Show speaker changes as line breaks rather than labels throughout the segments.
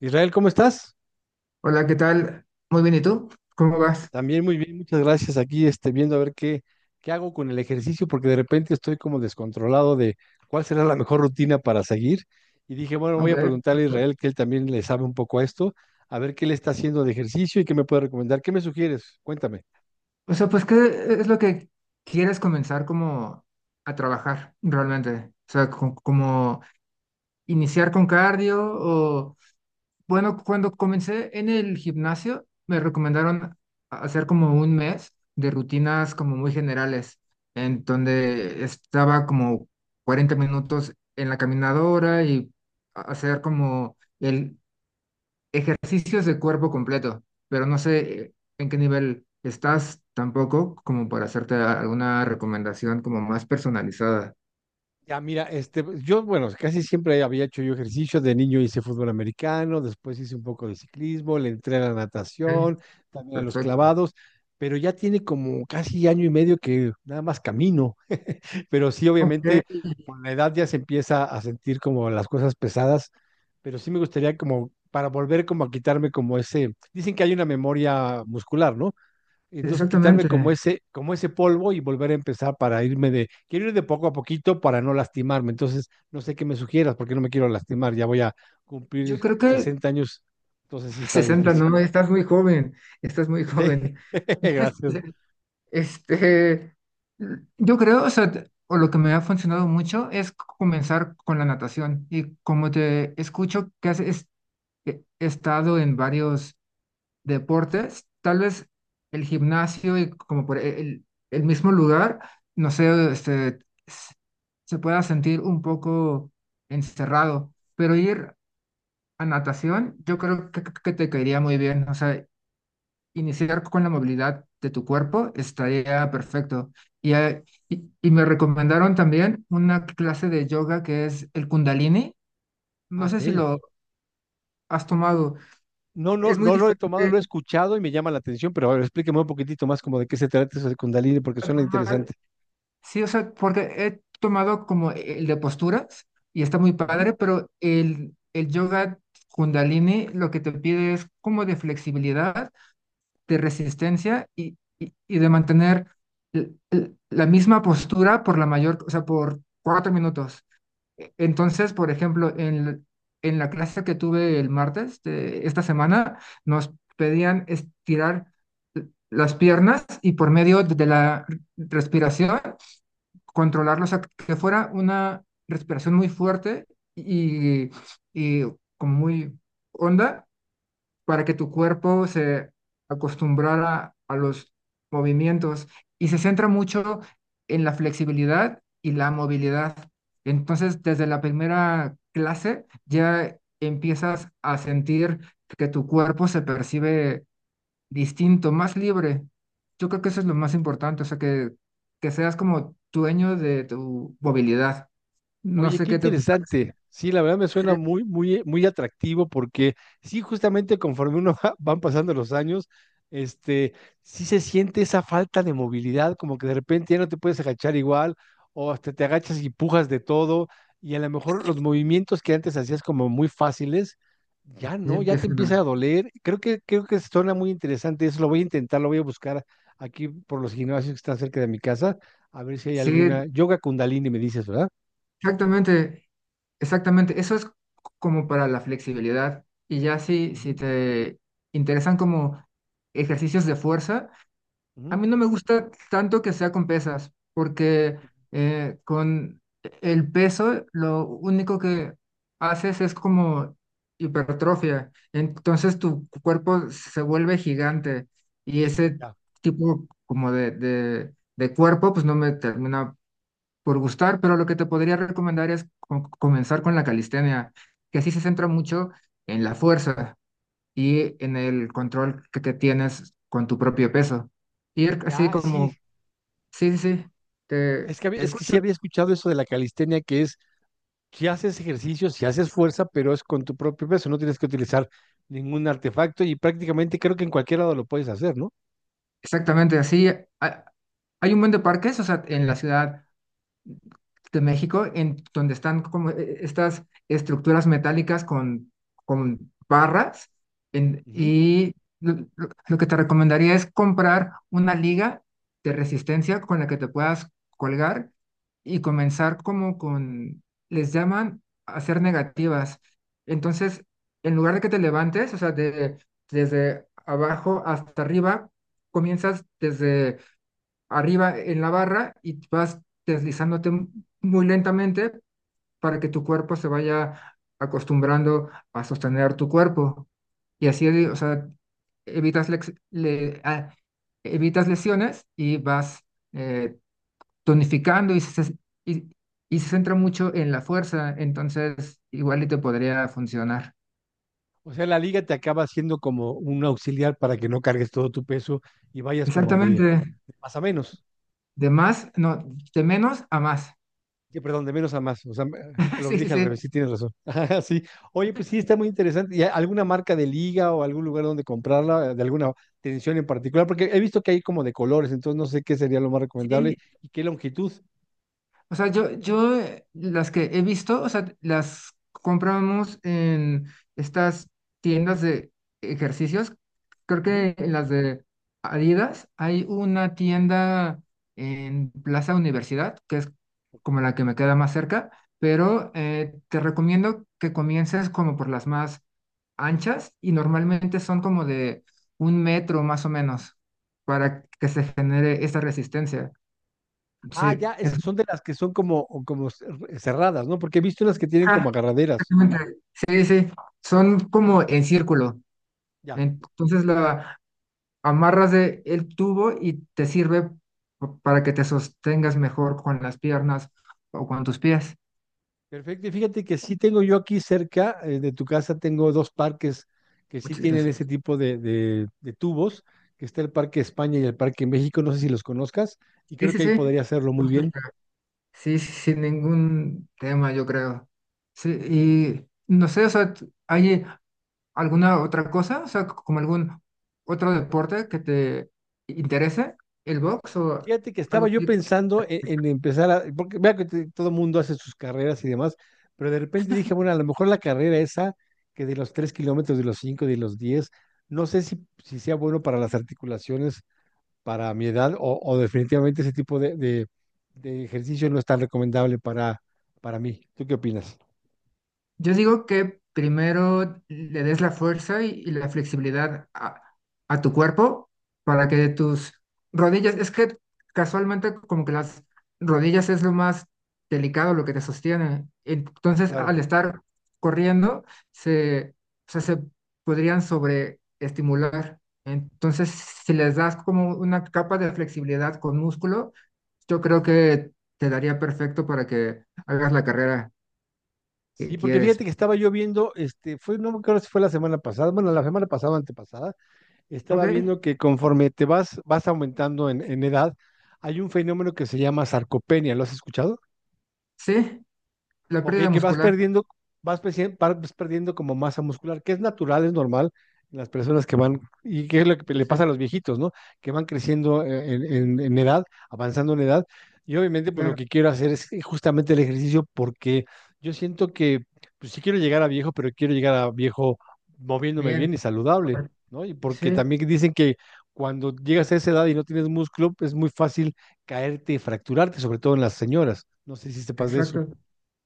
Israel, ¿cómo estás?
Hola, ¿qué tal? Muy bien, ¿y tú? ¿Cómo vas?
También muy bien, muchas gracias. Aquí viendo a ver qué hago con el ejercicio, porque de repente estoy como descontrolado de cuál será la mejor rutina para seguir. Y dije, bueno, voy
Ok.
a preguntarle a Israel, que él también le sabe un poco a esto, a ver qué le está haciendo de ejercicio y qué me puede recomendar. ¿Qué me sugieres? Cuéntame.
O sea, pues, ¿qué es lo que quieres comenzar como a trabajar realmente? O sea, como iniciar con cardio o, bueno, cuando comencé en el gimnasio, me recomendaron hacer como un mes de rutinas como muy generales, en donde estaba como 40 minutos en la caminadora y hacer como el Ejercicios de cuerpo completo, pero no sé en qué nivel estás tampoco como para hacerte alguna recomendación como más personalizada.
Ya, mira, yo, bueno, casi siempre había hecho yo ejercicio. De niño hice fútbol americano, después hice un poco de ciclismo, le entré a la
Ok.
natación, también a los
Perfecto.
clavados, pero ya tiene como casi año y medio que nada más camino. Pero sí,
Ok,
obviamente, con la edad ya se empieza a sentir como las cosas pesadas, pero sí me gustaría como para volver como a quitarme como ese, dicen que hay una memoria muscular, ¿no? Entonces, quitarme
exactamente.
como ese polvo y volver a empezar para irme de, quiero ir de poco a poquito para no lastimarme. Entonces, no sé qué me sugieras porque no me quiero lastimar. Ya voy a
Yo
cumplir
creo que
60 años, entonces sí está
60,
difícil.
no, estás muy joven, estás muy
Sí,
joven.
gracias.
Este, yo creo, o sea, o lo que me ha funcionado mucho es comenzar con la natación. Y como te escucho que has estado en varios deportes, tal vez el gimnasio y como por el mismo lugar, no sé, este, s- se pueda sentir un poco encerrado, pero ir a natación, yo creo que te caería muy bien, o sea, iniciar con la movilidad de tu cuerpo estaría perfecto. Y, eh, y me recomendaron también una clase de yoga que es el Kundalini,
Ah,
no sé si
ok.
lo has tomado,
No, no,
es muy
no lo he tomado,
diferente
lo he escuchado y me llama la atención, pero a ver, explíqueme un poquitito más como de qué se trata eso de Kundalini porque
al
suena interesante.
normal. Sí, o sea, porque he tomado como el de posturas y está muy padre, pero el yoga Kundalini lo que te pide es como de flexibilidad, de resistencia y de mantener la misma postura por la mayor, o sea, por 4 minutos. Entonces, por ejemplo, en la clase que tuve el martes de esta semana, nos pedían estirar las piernas y por medio de la respiración controlarlo, o sea, que fuera una respiración muy fuerte y, y como muy honda para que tu cuerpo se acostumbrara a los movimientos y se centra mucho en la flexibilidad y la movilidad. Entonces, desde la primera clase ya empiezas a sentir que tu cuerpo se percibe distinto, más libre. Yo creo que eso es lo más importante, o sea, que seas como dueño de tu movilidad. No
Oye,
sé
qué
qué te
interesante.
parece.
Sí, la verdad me suena
Sí,
muy, muy, muy atractivo porque sí, justamente conforme uno van pasando los años, este, sí se siente esa falta de movilidad, como que de repente ya no te puedes agachar igual, o hasta te agachas y pujas de todo, y a lo mejor los movimientos que antes hacías como muy fáciles, ya
ya
no, ya te
empieza, ¿no?
empieza a doler. Creo que suena muy interesante eso, lo voy a intentar, lo voy a buscar aquí por los gimnasios que están cerca de mi casa, a ver si hay
Sí,
alguna. Yoga Kundalini me dices, ¿verdad?
exactamente, exactamente. Eso es como para la flexibilidad. Y ya si
Ujú.
te interesan como ejercicios de fuerza. A
Ujú,
mí no me gusta tanto que sea con pesas, porque con el peso lo único que haces es como hipertrofia. Entonces tu cuerpo se vuelve gigante y ese
ya,
tipo como de cuerpo pues no me termina por gustar, pero lo que te podría recomendar es comenzar con la calistenia, que así se centra mucho en la fuerza y en el control que te tienes con tu propio peso. Ir así
ya, sí,
como, sí, sí, sí, te
es que, es que sí
escucho
había escuchado eso de la calistenia, que es, si haces ejercicio, si haces fuerza, pero es con tu propio peso, no tienes que utilizar ningún artefacto y prácticamente creo que en cualquier lado lo puedes hacer, ¿no?
exactamente así. Ha- Hay un buen de parques, o sea, en la ciudad de México, en donde están como estas estructuras metálicas con barras.
Ujú.
Y lo que te recomendaría es comprar una liga de resistencia con la que te puedas colgar y comenzar como con, les llaman hacer negativas. Entonces, en lugar de que te levantes, o sea, desde abajo hasta arriba, comienzas desde arriba en la barra y vas deslizándote muy lentamente para que tu cuerpo se vaya acostumbrando a sostener tu cuerpo. Y así, o sea, evitas, lex- le- ah, evitas lesiones y vas eh, tonificando y, y se centra mucho en la fuerza, entonces igual y te podría funcionar.
O sea, la liga te acaba siendo como un auxiliar para que no cargues todo tu peso y vayas como de
Exactamente,
más a menos.
de más, no, de menos a más.
Que, perdón, de menos a más. O sea, lo que
Sí, sí,
dije al
sí,
revés, sí tienes razón. Ajá, sí. Oye, pues sí, está muy interesante. ¿Y alguna marca de liga o algún lugar donde comprarla, de alguna tensión en particular? Porque he visto que hay como de colores, entonces no sé qué sería lo más recomendable
sí.
y qué longitud.
O sea, yo las que he visto, o sea, las compramos en estas tiendas de ejercicios. Creo
Ujú.
que en las de Adidas hay una tienda en Plaza Universidad, que es como la que me queda más cerca, pero te recomiendo que comiences como por las más anchas y normalmente son como de un metro más o menos para que se genere esa resistencia. Sí,
Ah, ya, es, son de las que son como cerradas, ¿no? Porque he visto las que tienen como agarraderas.
Exactamente. Sí, sí, son como en círculo.
Ya.
Entonces la amarras de el tubo y te sirve para que te sostengas mejor con las piernas o con tus pies.
Perfecto, y fíjate que sí tengo yo aquí cerca de tu casa, tengo dos parques que sí
Muchas
tienen ese
gracias.
tipo de, de tubos, que está el Parque España y el Parque México, no sé si los conozcas, y
Sí,
creo
sí,
que ahí
sí.
podría hacerlo muy
Muy
bien.
cerca. Sí, sí, sin ningún tema, yo creo. Sí, y no sé, o sea, ¿hay alguna otra cosa? O sea, como algún otro deporte que te interese, el box o
Fíjate que
algo
estaba yo
así.
pensando en empezar a, porque vea que todo mundo hace sus carreras y demás, pero de repente dije, bueno, a lo mejor la carrera esa, que de los 3 kilómetros, de los 5, de los 10, no sé si sea bueno para las articulaciones para mi edad o definitivamente ese tipo de, de ejercicio no es tan recomendable para mí. ¿Tú qué opinas?
Yo digo que primero le des la fuerza y la flexibilidad a tu cuerpo para que tus rodillas, es que casualmente como que las rodillas es lo más delicado, lo que te sostiene. Entonces,
Claro.
al estar corriendo, se, o sea, se podrían sobreestimular. Entonces, si les das como una capa de flexibilidad con músculo, yo creo que te daría perfecto para que hagas la carrera que
Sí, porque
quieres.
fíjate que estaba yo viendo, fue, no me acuerdo si fue la semana pasada, bueno, la semana pasada o antepasada, estaba
Ok.
viendo que conforme te vas, vas aumentando en edad, hay un fenómeno que se llama sarcopenia. ¿Lo has escuchado?
Sí, la
Ok,
pérdida
que vas
muscular.
perdiendo, vas perdiendo como masa muscular, que es natural, es normal en las personas que van, y que es lo que le
Sí,
pasa a los viejitos, ¿no? Que van creciendo en edad, avanzando en edad. Y obviamente, pues lo
claro,
que quiero hacer es justamente el ejercicio porque yo siento que, pues sí quiero llegar a viejo, pero quiero llegar a viejo moviéndome
bien,
bien y saludable,
correcto,
¿no? Y porque
sí,
también dicen que cuando llegas a esa edad y no tienes músculo, es muy fácil caerte y fracturarte, sobre todo en las señoras. No sé si sepas de eso.
exacto.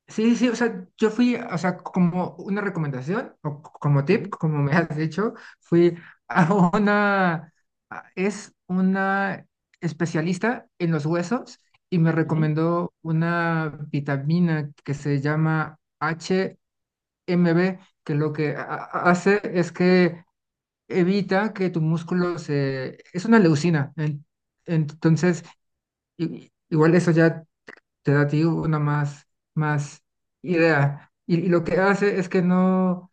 Sí, sí, o sea, yo fui, o sea, como una recomendación, o como tip, como me has dicho, fui a una, es una especialista en los huesos y me
Ujú.
recomendó una vitamina que se llama HMB, que lo que hace es que evita que tu músculo se, es una leucina, entonces igual eso ya te da a ti una más, más idea. Y lo que hace es que no,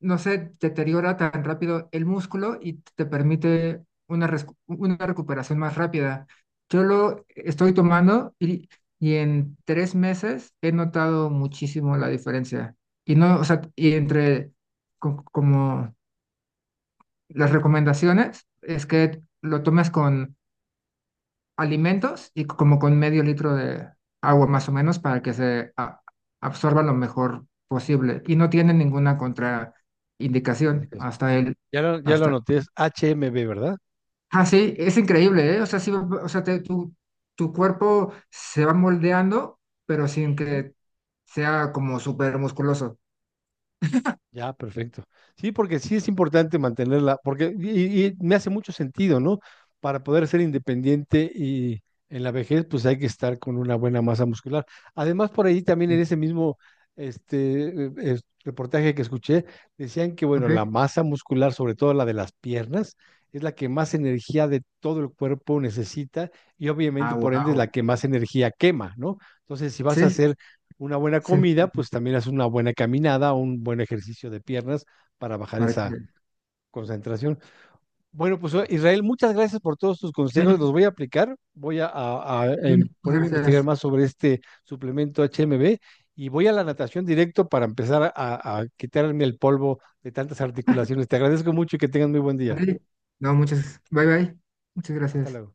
no se deteriora tan rápido el músculo y te permite una, res- una recuperación más rápida. Yo lo estoy tomando y en 3 meses he notado muchísimo la diferencia. Y no, o sea, y entre como las recomendaciones es que lo tomes con alimentos y como con medio litro de agua más o menos para que se absorba lo mejor posible. Y no tiene ninguna
Así
contraindicación
que,
hasta el,
ya lo, ya lo
hasta...
anoté, es HMB, ¿verdad?
Ah, sí, es increíble, ¿eh? O sea, sí, o sea, tu cuerpo se va moldeando, pero sin
Ujú.
que sea como súper musculoso.
Ya, perfecto. Sí, porque sí es importante mantenerla, porque y me hace mucho sentido, ¿no? Para poder ser independiente y en la vejez, pues hay que estar con una buena masa muscular. Además, por ahí también en
Eh,
ese mismo reportaje que escuché, decían que, bueno,
¿Ok?
la masa muscular, sobre todo la de las piernas, es la que más energía de todo el cuerpo necesita y obviamente,
Ah,
por ende, es la
wow.
que más energía quema, ¿no? Entonces, si vas a
Sí,
hacer una buena
sí.
comida, pues también haces una buena caminada, un buen ejercicio de piernas para bajar
Para
esa
que...
concentración. Bueno, pues Israel, muchas gracias por todos tus consejos, los
Sí,
voy a aplicar, voy a,
sí,
ponerme a
muchas
investigar
gracias.
más sobre este suplemento HMB y voy a la natación directo para empezar a quitarme el polvo de tantas articulaciones. Te agradezco mucho y que tengas muy buen
A
día.
ti. No, muchas. Bye, bye. Muchas
Hasta
gracias.
luego.